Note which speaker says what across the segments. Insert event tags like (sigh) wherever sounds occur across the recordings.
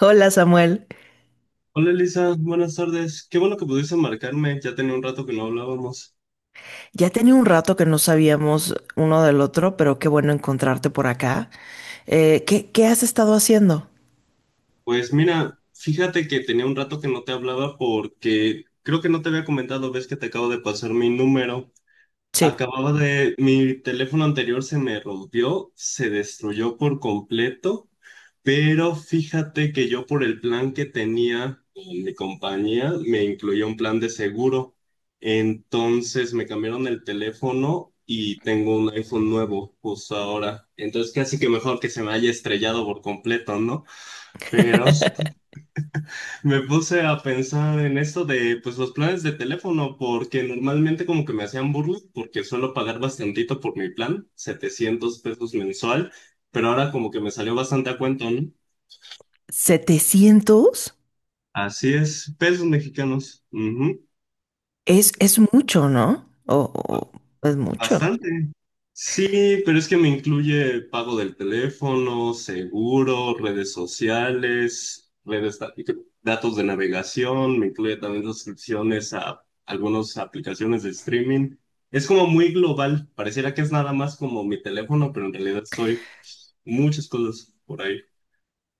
Speaker 1: Hola Samuel,
Speaker 2: Hola Elisa, buenas tardes. Qué bueno que pudiste marcarme, ya tenía un rato que no hablábamos.
Speaker 1: ya tenía un rato que no sabíamos uno del otro, pero qué bueno encontrarte por acá. ¿Qué has estado haciendo?
Speaker 2: Pues mira, fíjate que tenía un rato que no te hablaba porque creo que no te había comentado, ves que te acabo de pasar mi número.
Speaker 1: Sí,
Speaker 2: Mi teléfono anterior se me rompió, se destruyó por completo, pero fíjate que yo por el plan que tenía en mi compañía me incluía un plan de seguro. Entonces me cambiaron el teléfono y tengo un iPhone nuevo justo ahora. Entonces casi que mejor que se me haya estrellado por completo, ¿no? Pero
Speaker 1: (laughs)
Speaker 2: me puse a pensar en esto de pues los planes de teléfono, porque normalmente como que me hacían burla, porque suelo pagar bastantito por mi plan, 700 pesos mensual, pero ahora como que me salió bastante a cuento, ¿no?
Speaker 1: 700
Speaker 2: Así es, pesos mexicanos. Ujú.
Speaker 1: es mucho, ¿no? Es mucho.
Speaker 2: Bastante. Sí, pero es que me incluye pago del teléfono, seguro, redes sociales, redes datos de navegación, me incluye también suscripciones a algunas aplicaciones de streaming. Es como muy global, pareciera que es nada más como mi teléfono, pero en realidad estoy muchas cosas por ahí.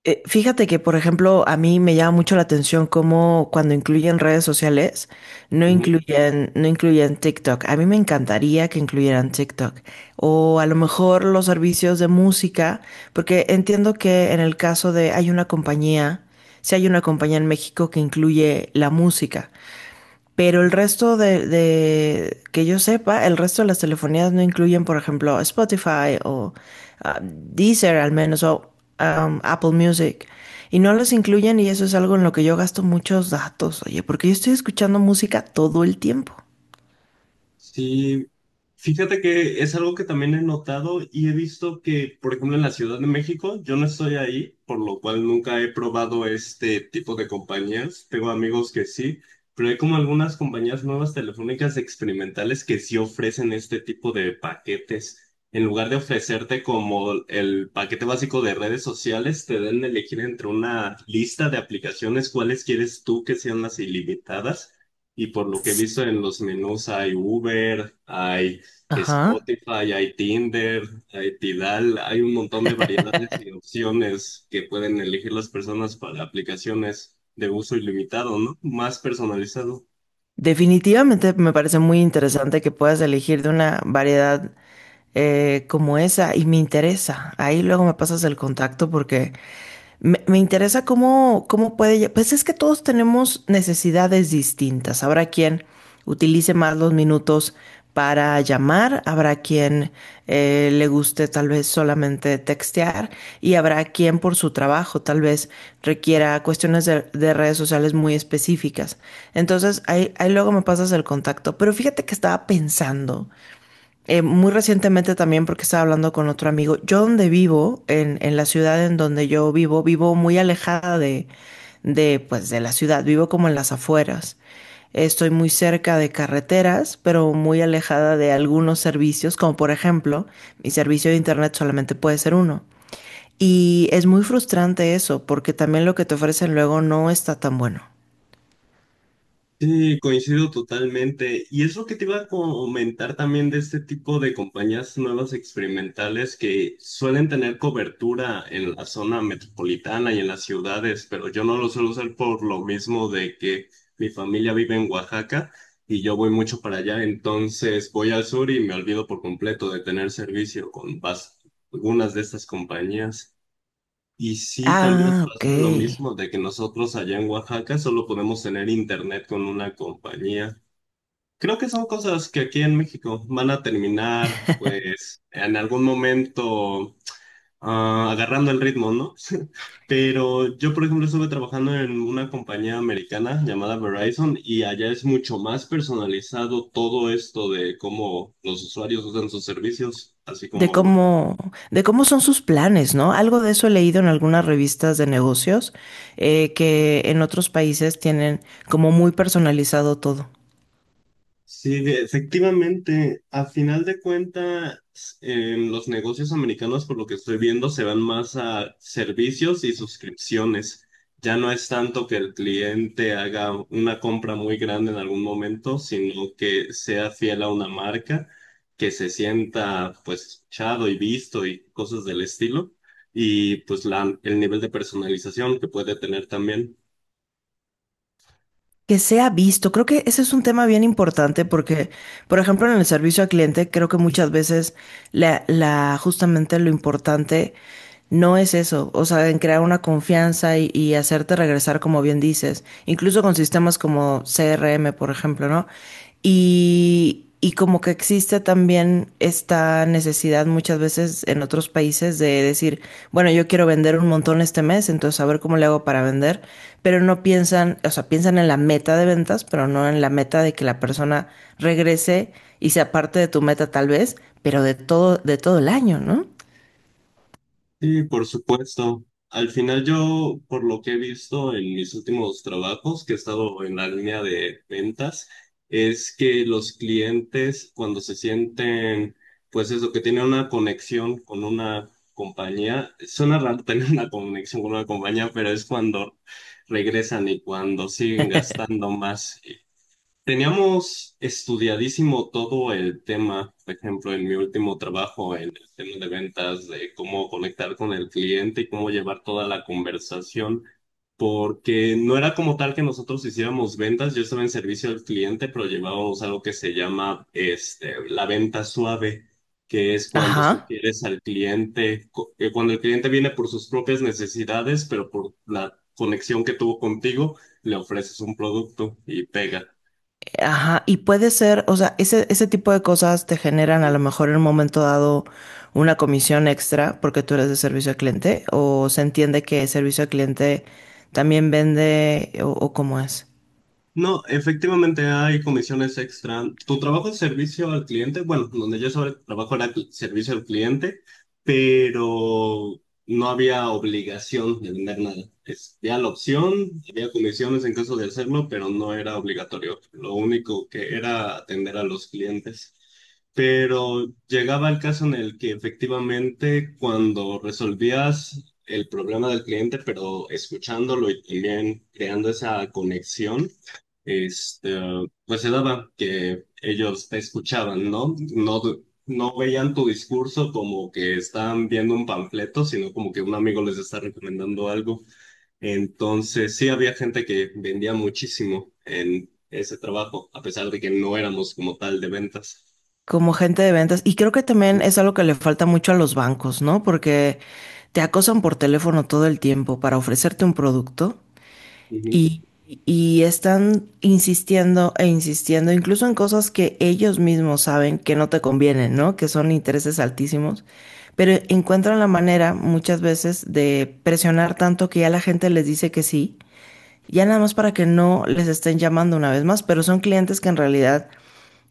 Speaker 1: Fíjate que, por ejemplo, a mí me llama mucho la atención cómo cuando incluyen redes sociales, no incluyen TikTok. A mí me encantaría que incluyeran TikTok. O a lo mejor los servicios de música, porque entiendo que en el caso de hay una compañía, si hay una compañía en México que incluye la música. Pero el resto de que yo sepa, el resto de las telefonías no incluyen, por ejemplo, Spotify o Deezer al menos o Apple Music. Y no los incluyen y eso es algo en lo que yo gasto muchos datos, oye, porque yo estoy escuchando música todo el tiempo.
Speaker 2: Sí, fíjate que es algo que también he notado y he visto que, por ejemplo, en la Ciudad de México, yo no estoy ahí, por lo cual nunca he probado este tipo de compañías. Tengo amigos que sí, pero hay como algunas compañías nuevas telefónicas experimentales que sí ofrecen este tipo de paquetes. En lugar de ofrecerte como el paquete básico de redes sociales, te dan a elegir entre una lista de aplicaciones cuáles quieres tú que sean las ilimitadas y por lo que he
Speaker 1: S-
Speaker 2: visto en los menús hay Uber, hay
Speaker 1: Ajá.
Speaker 2: Spotify, hay Tinder, hay Tidal, hay un montón de variedades y opciones que pueden elegir las personas para aplicaciones de uso ilimitado, ¿no? Más personalizado.
Speaker 1: Definitivamente me parece muy interesante que puedas elegir de una variedad como esa y me interesa. Ahí luego me pasas el contacto porque me interesa cómo puede... Pues es que todos tenemos necesidades distintas. Habrá quien utilice más los minutos para llamar, habrá quien le guste tal vez solamente textear y habrá quien por su trabajo tal vez requiera cuestiones de redes sociales muy específicas. Entonces ahí luego me pasas el contacto. Pero fíjate que estaba pensando muy recientemente también, porque estaba hablando con otro amigo, yo donde vivo, en la ciudad en donde yo vivo, vivo muy alejada pues, de la ciudad, vivo como en las afueras. Estoy muy cerca de carreteras, pero muy alejada de algunos servicios, como por ejemplo, mi servicio de internet solamente puede ser uno. Y es muy frustrante eso, porque también lo que te ofrecen luego no está tan bueno.
Speaker 2: Sí, coincido totalmente. Y es lo que te iba a comentar también de este tipo de compañías nuevas experimentales que suelen tener cobertura en la zona metropolitana y en las ciudades, pero yo no lo suelo usar por lo mismo de que mi familia vive en Oaxaca y yo voy mucho para allá, entonces voy al sur y me olvido por completo de tener servicio con algunas de estas compañías. Y sí, también nos
Speaker 1: Ah, ok.
Speaker 2: pasa lo mismo de que nosotros allá en Oaxaca solo podemos tener internet con una compañía. Creo que son cosas que aquí en México van a terminar,
Speaker 1: (laughs)
Speaker 2: pues, en algún momento agarrando el ritmo, ¿no? (laughs) Pero yo, por ejemplo, estuve trabajando en una compañía americana llamada Verizon y allá es mucho más personalizado todo esto de cómo los usuarios usan sus servicios, así
Speaker 1: de
Speaker 2: como los
Speaker 1: cómo, de cómo son sus planes, ¿no? Algo de eso he leído en algunas revistas de negocios, que en otros países tienen como muy personalizado todo.
Speaker 2: sí, de- efectivamente, a final de cuentas, los negocios americanos, por lo que estoy viendo, se van más a servicios y suscripciones. Ya no es tanto que el cliente haga una compra muy grande en algún momento, sino que sea fiel a una marca, que se sienta pues chado y visto y cosas del estilo, y pues la, el nivel de personalización que puede tener también.
Speaker 1: Que sea visto, creo que ese es un tema bien importante porque, por ejemplo, en el servicio al cliente, creo que muchas veces justamente lo importante no es eso, o sea, en crear una confianza y hacerte regresar, como bien dices, incluso con sistemas como CRM, por ejemplo, ¿no? Y como que existe también esta necesidad muchas veces en otros países de decir, bueno, yo quiero vender un montón este mes, entonces a ver cómo le hago para vender, pero no piensan, o sea, piensan en la meta de ventas, pero no en la meta de que la persona regrese y sea parte de tu meta tal vez, pero de todo el año, ¿no?
Speaker 2: Sí, por supuesto. Al final yo, por lo que he visto en mis últimos trabajos, que he estado en la línea de ventas, es que los clientes cuando se sienten, pues eso, que tienen una conexión con una compañía, suena raro tener una conexión con una compañía, pero es cuando regresan y cuando siguen gastando más. Teníamos estudiadísimo todo el tema, por ejemplo, en mi último trabajo, en el tema de ventas, de cómo conectar con el cliente y cómo llevar toda la conversación, porque no era como tal que nosotros hiciéramos ventas, yo estaba en servicio al cliente, pero llevábamos algo que se llama este, la venta suave, que es cuando
Speaker 1: Ajá.
Speaker 2: sugieres al cliente, cuando el cliente viene por sus propias necesidades, pero por la conexión que tuvo contigo, le ofreces un producto y pega.
Speaker 1: Ajá, y puede ser, o sea, ese tipo de cosas te generan a lo mejor en un momento dado una comisión extra porque tú eres de servicio al cliente, o se entiende que servicio al cliente también vende, o cómo es,
Speaker 2: No, efectivamente hay comisiones extra. Tu trabajo es servicio al cliente, bueno, donde yo sobre trabajo era servicio al cliente, pero no había obligación de vender nada. Es- había la opción, había comisiones en caso de hacerlo, pero no era obligatorio. Lo único que era atender a los clientes. Pero llegaba el caso en el que efectivamente cuando resolvías el problema del cliente, pero escuchándolo y también creando esa conexión, este, pues se daba que ellos te escuchaban, ¿no? No, no veían tu discurso como que estaban viendo un panfleto, sino como que un amigo les está recomendando algo. Entonces, sí había gente que vendía muchísimo en ese trabajo, a pesar de que no éramos como tal de ventas.
Speaker 1: como gente de ventas. Y creo que también es algo que le falta mucho a los bancos, ¿no? Porque te acosan por teléfono todo el tiempo para ofrecerte un producto.
Speaker 2: Ujú.
Speaker 1: Y, y están insistiendo e insistiendo, incluso en cosas que ellos mismos saben que no te convienen, ¿no? Que son intereses altísimos, pero encuentran la manera muchas veces de presionar tanto que ya la gente les dice que sí, ya nada más para que no les estén llamando una vez más, pero son clientes que en realidad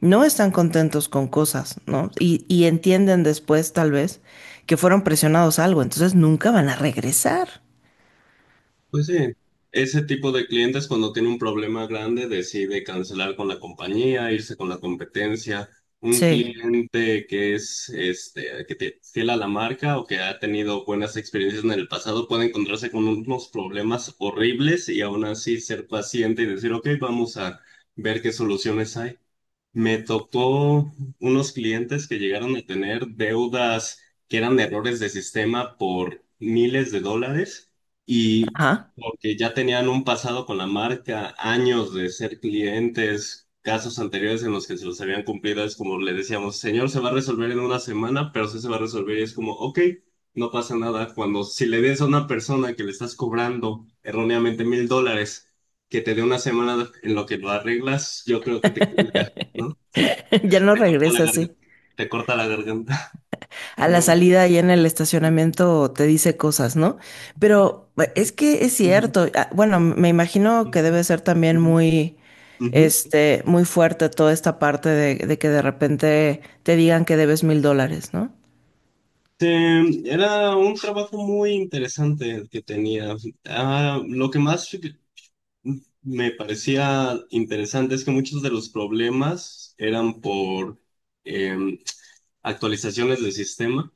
Speaker 1: no están contentos con cosas, ¿no? Y entienden después, tal vez, que fueron presionados a algo, entonces nunca van a regresar.
Speaker 2: Pues sí, ese tipo de clientes cuando tiene un problema grande decide cancelar con la compañía, irse con la competencia. Un
Speaker 1: Sí,
Speaker 2: cliente que es este, que te, fiel a la marca o que ha tenido buenas experiencias en el pasado puede encontrarse con unos problemas horribles y aún así ser paciente y decir, ok, vamos a ver qué soluciones hay. Me tocó unos clientes que llegaron a tener deudas que eran errores de sistema por miles de dólares y
Speaker 1: ajá.
Speaker 2: porque ya tenían un pasado con la marca, años de ser clientes, casos anteriores en los que se los habían cumplido, es como le decíamos, señor, se va a resolver en una semana, pero sí se va a resolver y es como, ok, no pasa nada. Cuando si le des a una persona que le estás cobrando erróneamente 1.000 dólares, que te dé una semana en lo que lo arreglas, yo creo que te cuelga. ¿No?
Speaker 1: (laughs) Ya no
Speaker 2: Te corta la
Speaker 1: regresa,
Speaker 2: garganta.
Speaker 1: así.
Speaker 2: Te corta la garganta. (laughs)
Speaker 1: A la
Speaker 2: Pero-
Speaker 1: salida y en el estacionamiento te dice cosas, ¿no? Pero es que es
Speaker 2: ujú,
Speaker 1: cierto. Ah, bueno, me imagino que
Speaker 2: ujú,
Speaker 1: debe ser también
Speaker 2: ujú,
Speaker 1: muy,
Speaker 2: ujú.
Speaker 1: este, muy fuerte toda esta parte de que de repente te digan que debes $1,000, ¿no?
Speaker 2: Este, era un trabajo muy interesante el que tenía. Ah, lo que más me parecía interesante es que muchos de los problemas eran por em, actualizaciones del sistema.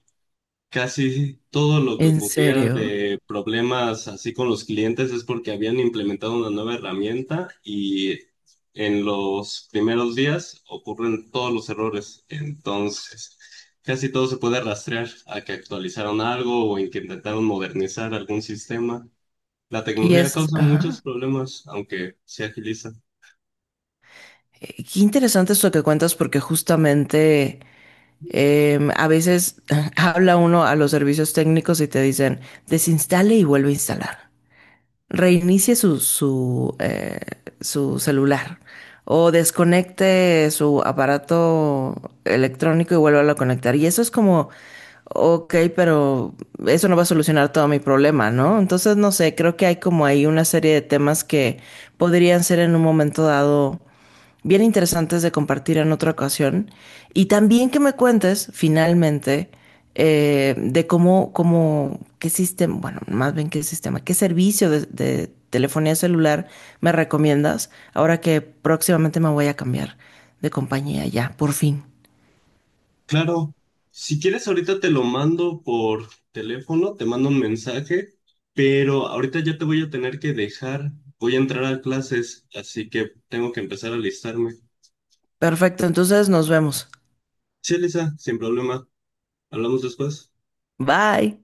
Speaker 2: Casi sí, todo lo que
Speaker 1: ¿En
Speaker 2: ocurría
Speaker 1: serio?
Speaker 2: de problemas así con los clientes es porque habían implementado una nueva herramienta y en los primeros días ocurren todos los errores. Entonces, casi todo se puede rastrear a que actualizaron algo o en que intentaron modernizar algún sistema. La
Speaker 1: Y
Speaker 2: tecnología
Speaker 1: es,
Speaker 2: causa muchos
Speaker 1: ajá.
Speaker 2: problemas, aunque se agiliza.
Speaker 1: Qué interesante esto que cuentas porque justamente a veces (laughs) habla uno a los servicios técnicos y te dicen, desinstale y vuelve a instalar. Reinicie su celular o desconecte su aparato electrónico y vuelva a conectar. Y eso es como, ok, pero eso no va a solucionar todo mi problema, ¿no? Entonces, no sé, creo que hay como ahí una serie de temas que podrían ser en un momento dado bien interesantes de compartir en otra ocasión. Y también que me cuentes, finalmente, cómo, qué sistema, bueno, más bien qué sistema, qué servicio de telefonía celular me recomiendas ahora que próximamente me voy a cambiar de compañía ya, por fin.
Speaker 2: Claro, si quieres ahorita te lo mando por teléfono, te mando un mensaje, pero ahorita ya te voy a tener que dejar, voy a entrar a clases, así que tengo que empezar a alistarme.
Speaker 1: Perfecto, entonces nos vemos.
Speaker 2: Sí, Elisa, sin problema, hablamos después.
Speaker 1: Bye.